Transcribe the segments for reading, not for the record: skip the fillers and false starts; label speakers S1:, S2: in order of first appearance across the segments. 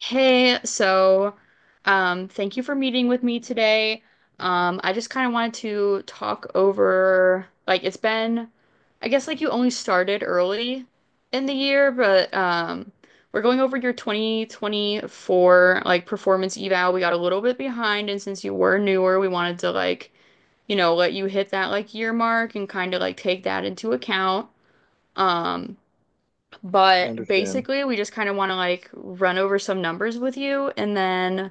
S1: Hey, so thank you for meeting with me today. I just kind of wanted to talk over, like, it's been, I guess, like you only started early in the year, but we're going over your 2024, like, performance eval. We got a little bit behind, and since you were newer, we wanted to, like, you know, let you hit that, like, year mark and kind of, like, take that into account. Um,
S2: I
S1: but
S2: understand.
S1: basically, we just kind of want to like run over some numbers with you and then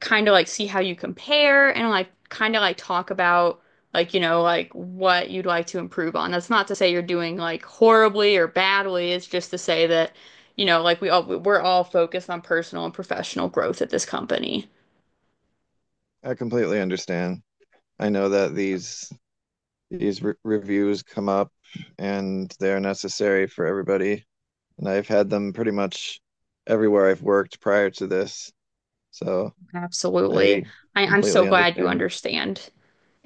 S1: kind of like see how you compare and like kind of like talk about like, you know, like what you'd like to improve on. That's not to say you're doing like horribly or badly. It's just to say that, you know, like we're all focused on personal and professional growth at this company.
S2: I completely understand. I know that reviews come up and they're necessary for everybody, and I've had them pretty much everywhere I've worked prior to this, so
S1: Absolutely.
S2: I
S1: I'm so
S2: completely
S1: glad you
S2: understand.
S1: understand.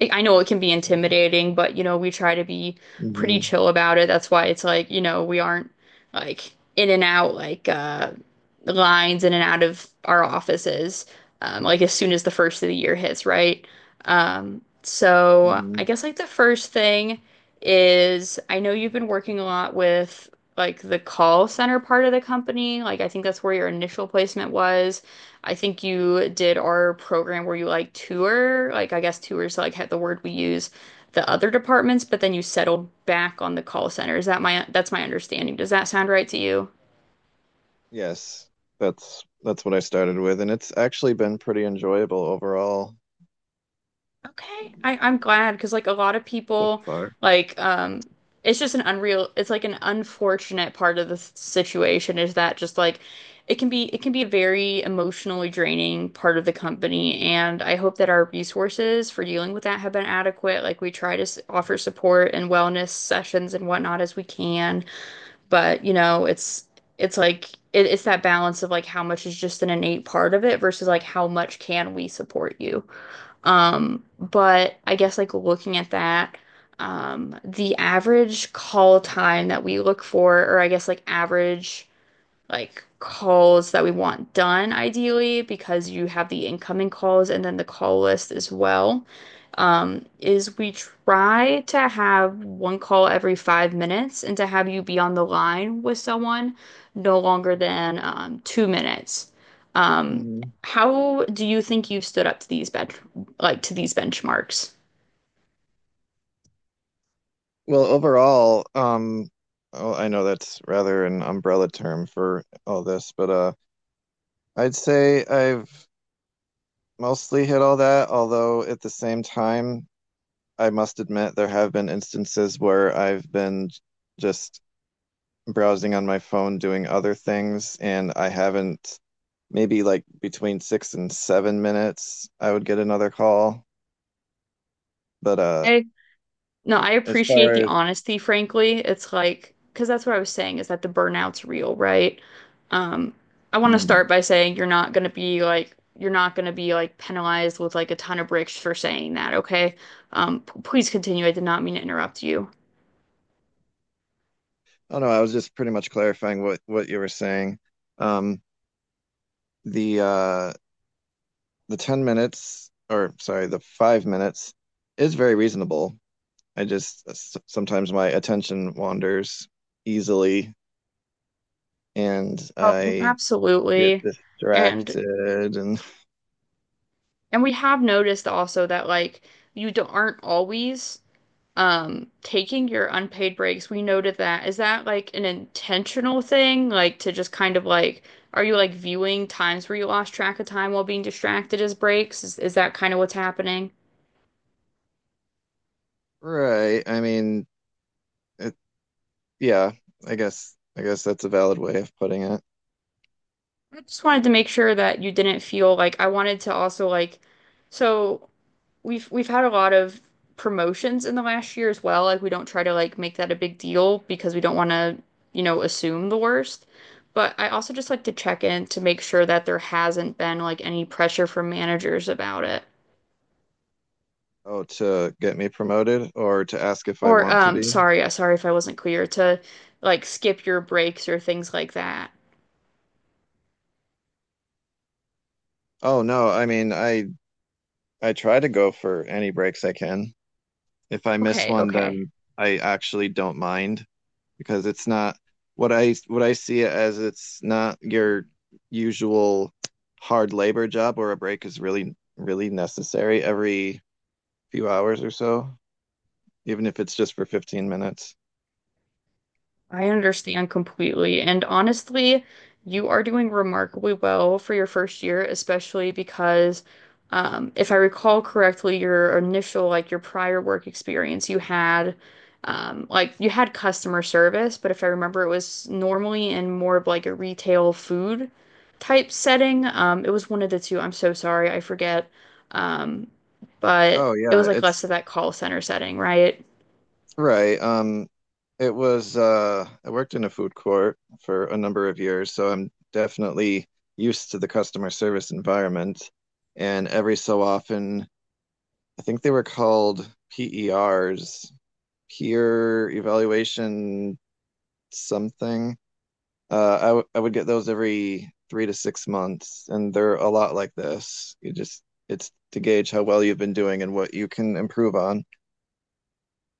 S1: I know it can be intimidating, but you know, we try to be pretty
S2: Hmm,
S1: chill about it. That's why it's like, you know, we aren't like in and out like lines in and out of our offices like as soon as the first of the year hits, right? So I
S2: hmm.
S1: guess like the first thing is I know you've been working a lot with like the call center part of the company. Like I think that's where your initial placement was. I think you did our program where you like tour, like I guess tours like had the word we use the other departments, but then you settled back on the call center. Is that my that's my understanding. Does that sound right to you?
S2: Yes, that's what I started with, and it's actually been pretty enjoyable overall
S1: Okay. I'm glad because like a lot of
S2: thus
S1: people
S2: far.
S1: like it's like an unfortunate part of the situation is that just like it can be a very emotionally draining part of the company, and I hope that our resources for dealing with that have been adequate. Like we try to offer support and wellness sessions and whatnot as we can, but you know, it's like it's that balance of like how much is just an innate part of it versus like how much can we support you. But I guess like looking at that, the average call time that we look for, or I guess like average like calls that we want done ideally because you have the incoming calls and then the call list as well, is we try to have one call every 5 minutes and to have you be on the line with someone no longer than 2 minutes. Um,
S2: Hmm.
S1: how do you think you've stood up to these bench like to these benchmarks?
S2: Well, overall, oh, I know that's rather an umbrella term for all this, but I'd say I've mostly hit all that, although at the same time, I must admit there have been instances where I've been just browsing on my phone doing other things, and I haven't, maybe like between 6 and 7 minutes, I would get another call. But
S1: No, I
S2: as far
S1: appreciate the
S2: as.
S1: honesty, frankly. It's like, because that's what I was saying is that the burnout's real, right? Um, I want to
S2: Hmm.
S1: start by saying you're not going to be like penalized with like a ton of bricks for saying that, okay? Please continue. I did not mean to interrupt you.
S2: Oh no, I was just pretty much clarifying what you were saying. Um, the uh the 10 minutes, or sorry, the 5 minutes is very reasonable. I just sometimes my attention wanders easily and
S1: Oh,
S2: I get
S1: absolutely. And
S2: distracted and.
S1: we have noticed also that like you don't aren't always taking your unpaid breaks. We noted that. Is that like an intentional thing, like to just kind of like, are you like viewing times where you lost track of time while being distracted as breaks? Is that kind of what's happening?
S2: Right, I mean it, yeah, I guess that's a valid way of putting it.
S1: I just wanted to make sure that you didn't feel like I wanted to also like, so we've had a lot of promotions in the last year as well. Like we don't try to like make that a big deal because we don't want to, you know, assume the worst. But I also just like to check in to make sure that there hasn't been like any pressure from managers about it.
S2: Oh, to get me promoted or to ask if I
S1: Or
S2: want to be?
S1: sorry, sorry if I wasn't clear to like skip your breaks or things like that.
S2: Oh no, I mean I try to go for any breaks I can. If I miss
S1: Okay,
S2: one,
S1: okay.
S2: then I actually don't mind, because it's not what I see it as, it's not your usual hard labor job where a break is really really necessary every few hours or so, even if it's just for 15 minutes.
S1: I understand completely. And honestly, you are doing remarkably well for your first year, especially because if I recall correctly, your initial, like your prior work experience, you had like you had customer service, but if I remember, it was normally in more of like a retail food type setting. It was one of the two. I'm so sorry, I forget. Um, but
S2: Oh
S1: it was
S2: yeah,
S1: like
S2: it's
S1: less of that call center setting, right?
S2: right. It was I worked in a food court for a number of years, so I'm definitely used to the customer service environment. And every so often, I think they were called PERs, peer evaluation something. I would get those every 3 to 6 months, and they're a lot like this. You just it's to gauge how well you've been doing and what you can improve on.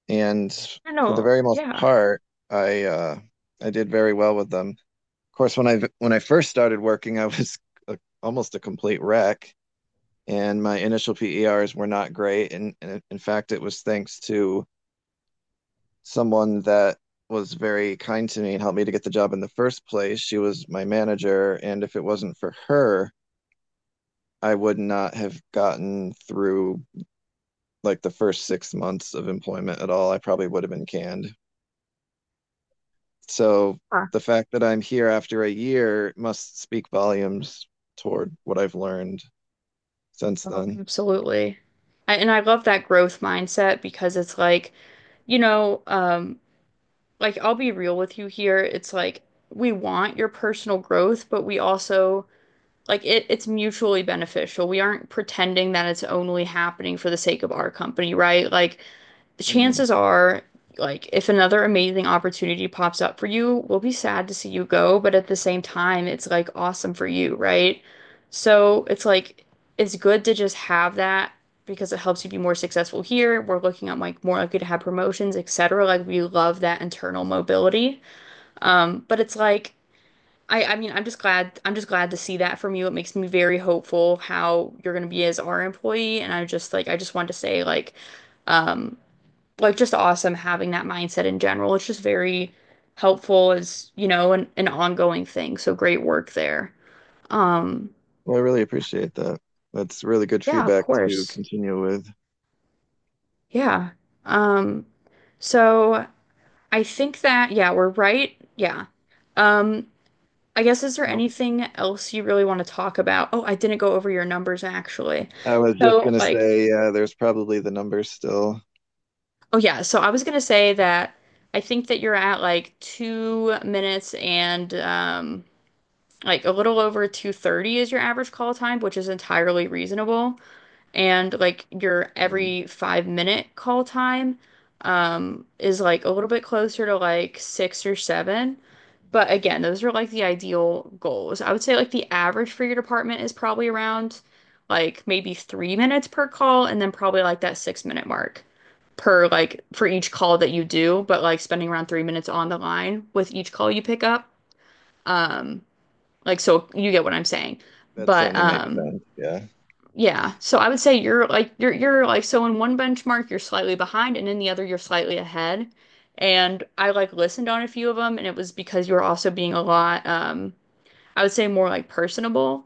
S2: And
S1: I
S2: for the
S1: know.
S2: very most
S1: Yeah.
S2: part, I uh, I did very well with them. Of course, when I first started working, I was almost a complete wreck, and my initial PERs were not great. And in fact, it was thanks to someone that was very kind to me and helped me to get the job in the first place. She was my manager, and if it wasn't for her, I would not have gotten through like the first 6 months of employment at all. I probably would have been canned. So the fact that I'm here after a year must speak volumes toward what I've learned since
S1: Oh,
S2: then.
S1: absolutely. And I love that growth mindset because it's like, you know, like I'll be real with you here. It's like we want your personal growth, but we also like it's mutually beneficial. We aren't pretending that it's only happening for the sake of our company, right? Like
S2: Mhm.
S1: chances are, like, if another amazing opportunity pops up for you, we'll be sad to see you go, but at the same time, it's like awesome for you, right? So it's like it's good to just have that because it helps you be more successful here. We're looking at like more likely to have promotions, etc. Like we love that internal mobility. But it's like I mean, I'm just glad to see that from you. It makes me very hopeful how you're gonna be as our employee. And I just wanted to say um like just awesome having that mindset in general. It's just very helpful as, you know, an ongoing thing. So great work there. Um,
S2: Well, I really appreciate that. That's really good
S1: yeah, of
S2: feedback to
S1: course.
S2: continue with.
S1: Yeah. Um, so I think that, yeah, we're right. Yeah. Um, I guess is there
S2: I
S1: anything else you really want to talk about? Oh, I didn't go over your numbers actually.
S2: I was just
S1: So
S2: gonna
S1: like,
S2: say, there's probably the numbers still.
S1: oh yeah, so I was gonna say that I think that you're at like 2 minutes and like a little over 230 is your average call time, which is entirely reasonable. And like your
S2: Mm.
S1: every 5 minute call time is like a little bit closer to like six or seven. But again, those are like the ideal goals. I would say like the average for your department is probably around like maybe 3 minutes per call, and then probably like that 6 minute mark per like for each call that you do, but like spending around 3 minutes on the line with each call you pick up. Um like so you get what I'm saying.
S2: That
S1: But
S2: certainly makes sense. Yeah.
S1: yeah, so I would say you're like, so in one benchmark you're slightly behind and in the other you're slightly ahead. And I like listened on a few of them, and it was because you were also being a lot I would say more like personable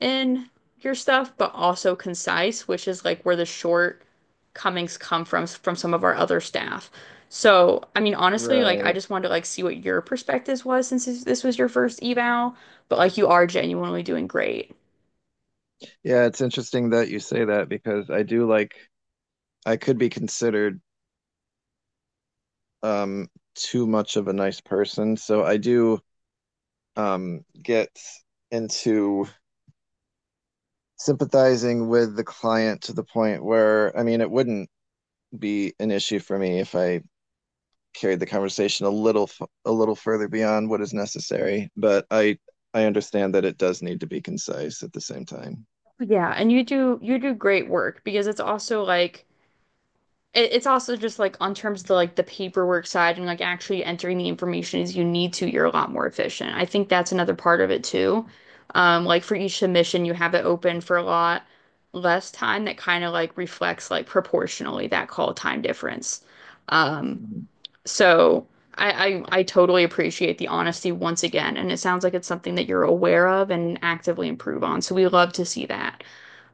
S1: in your stuff, but also concise, which is like where the shortcomings come from some of our other staff. So, I mean, honestly, like I
S2: Right.
S1: just wanted to like see what your perspective was since this was your first eval, but like you are genuinely doing great.
S2: Yeah, it's interesting that you say that because I do like I could be considered um too much of a nice person. So I do get into sympathizing with the client to the point where I mean it wouldn't be an issue for me if I carried the conversation a little a little further beyond what is necessary, but I understand that it does need to be concise at the same time.
S1: Yeah, and you do great work because it's also like it's also just like on terms of the, like the paperwork side and like actually entering the information as you need to, you're a lot more efficient. I think that's another part of it too. Like for each submission, you have it open for a lot less time that kind of like reflects like proportionally that call time difference. Um, so I totally appreciate the honesty once again, and it sounds like it's something that you're aware of and actively improve on. So we love to see that.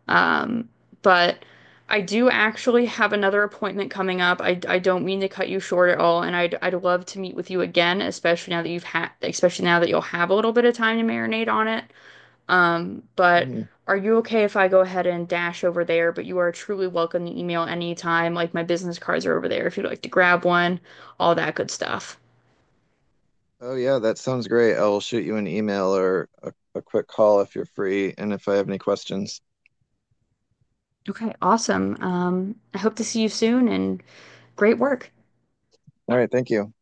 S1: Um, but I do actually have another appointment coming up. I don't mean to cut you short at all, and I'd love to meet with you again, especially now that especially now that you'll have a little bit of time to marinate on it. But
S2: Mm.
S1: are you okay if I go ahead and dash over there? But you are truly welcome to email anytime. Like my business cards are over there if you'd like to grab one, all that good stuff.
S2: Oh yeah, that sounds great. I'll shoot you an email or a quick call if you're free and if I have any questions.
S1: Okay, awesome. I hope to see you soon and great work.
S2: All right, thank you.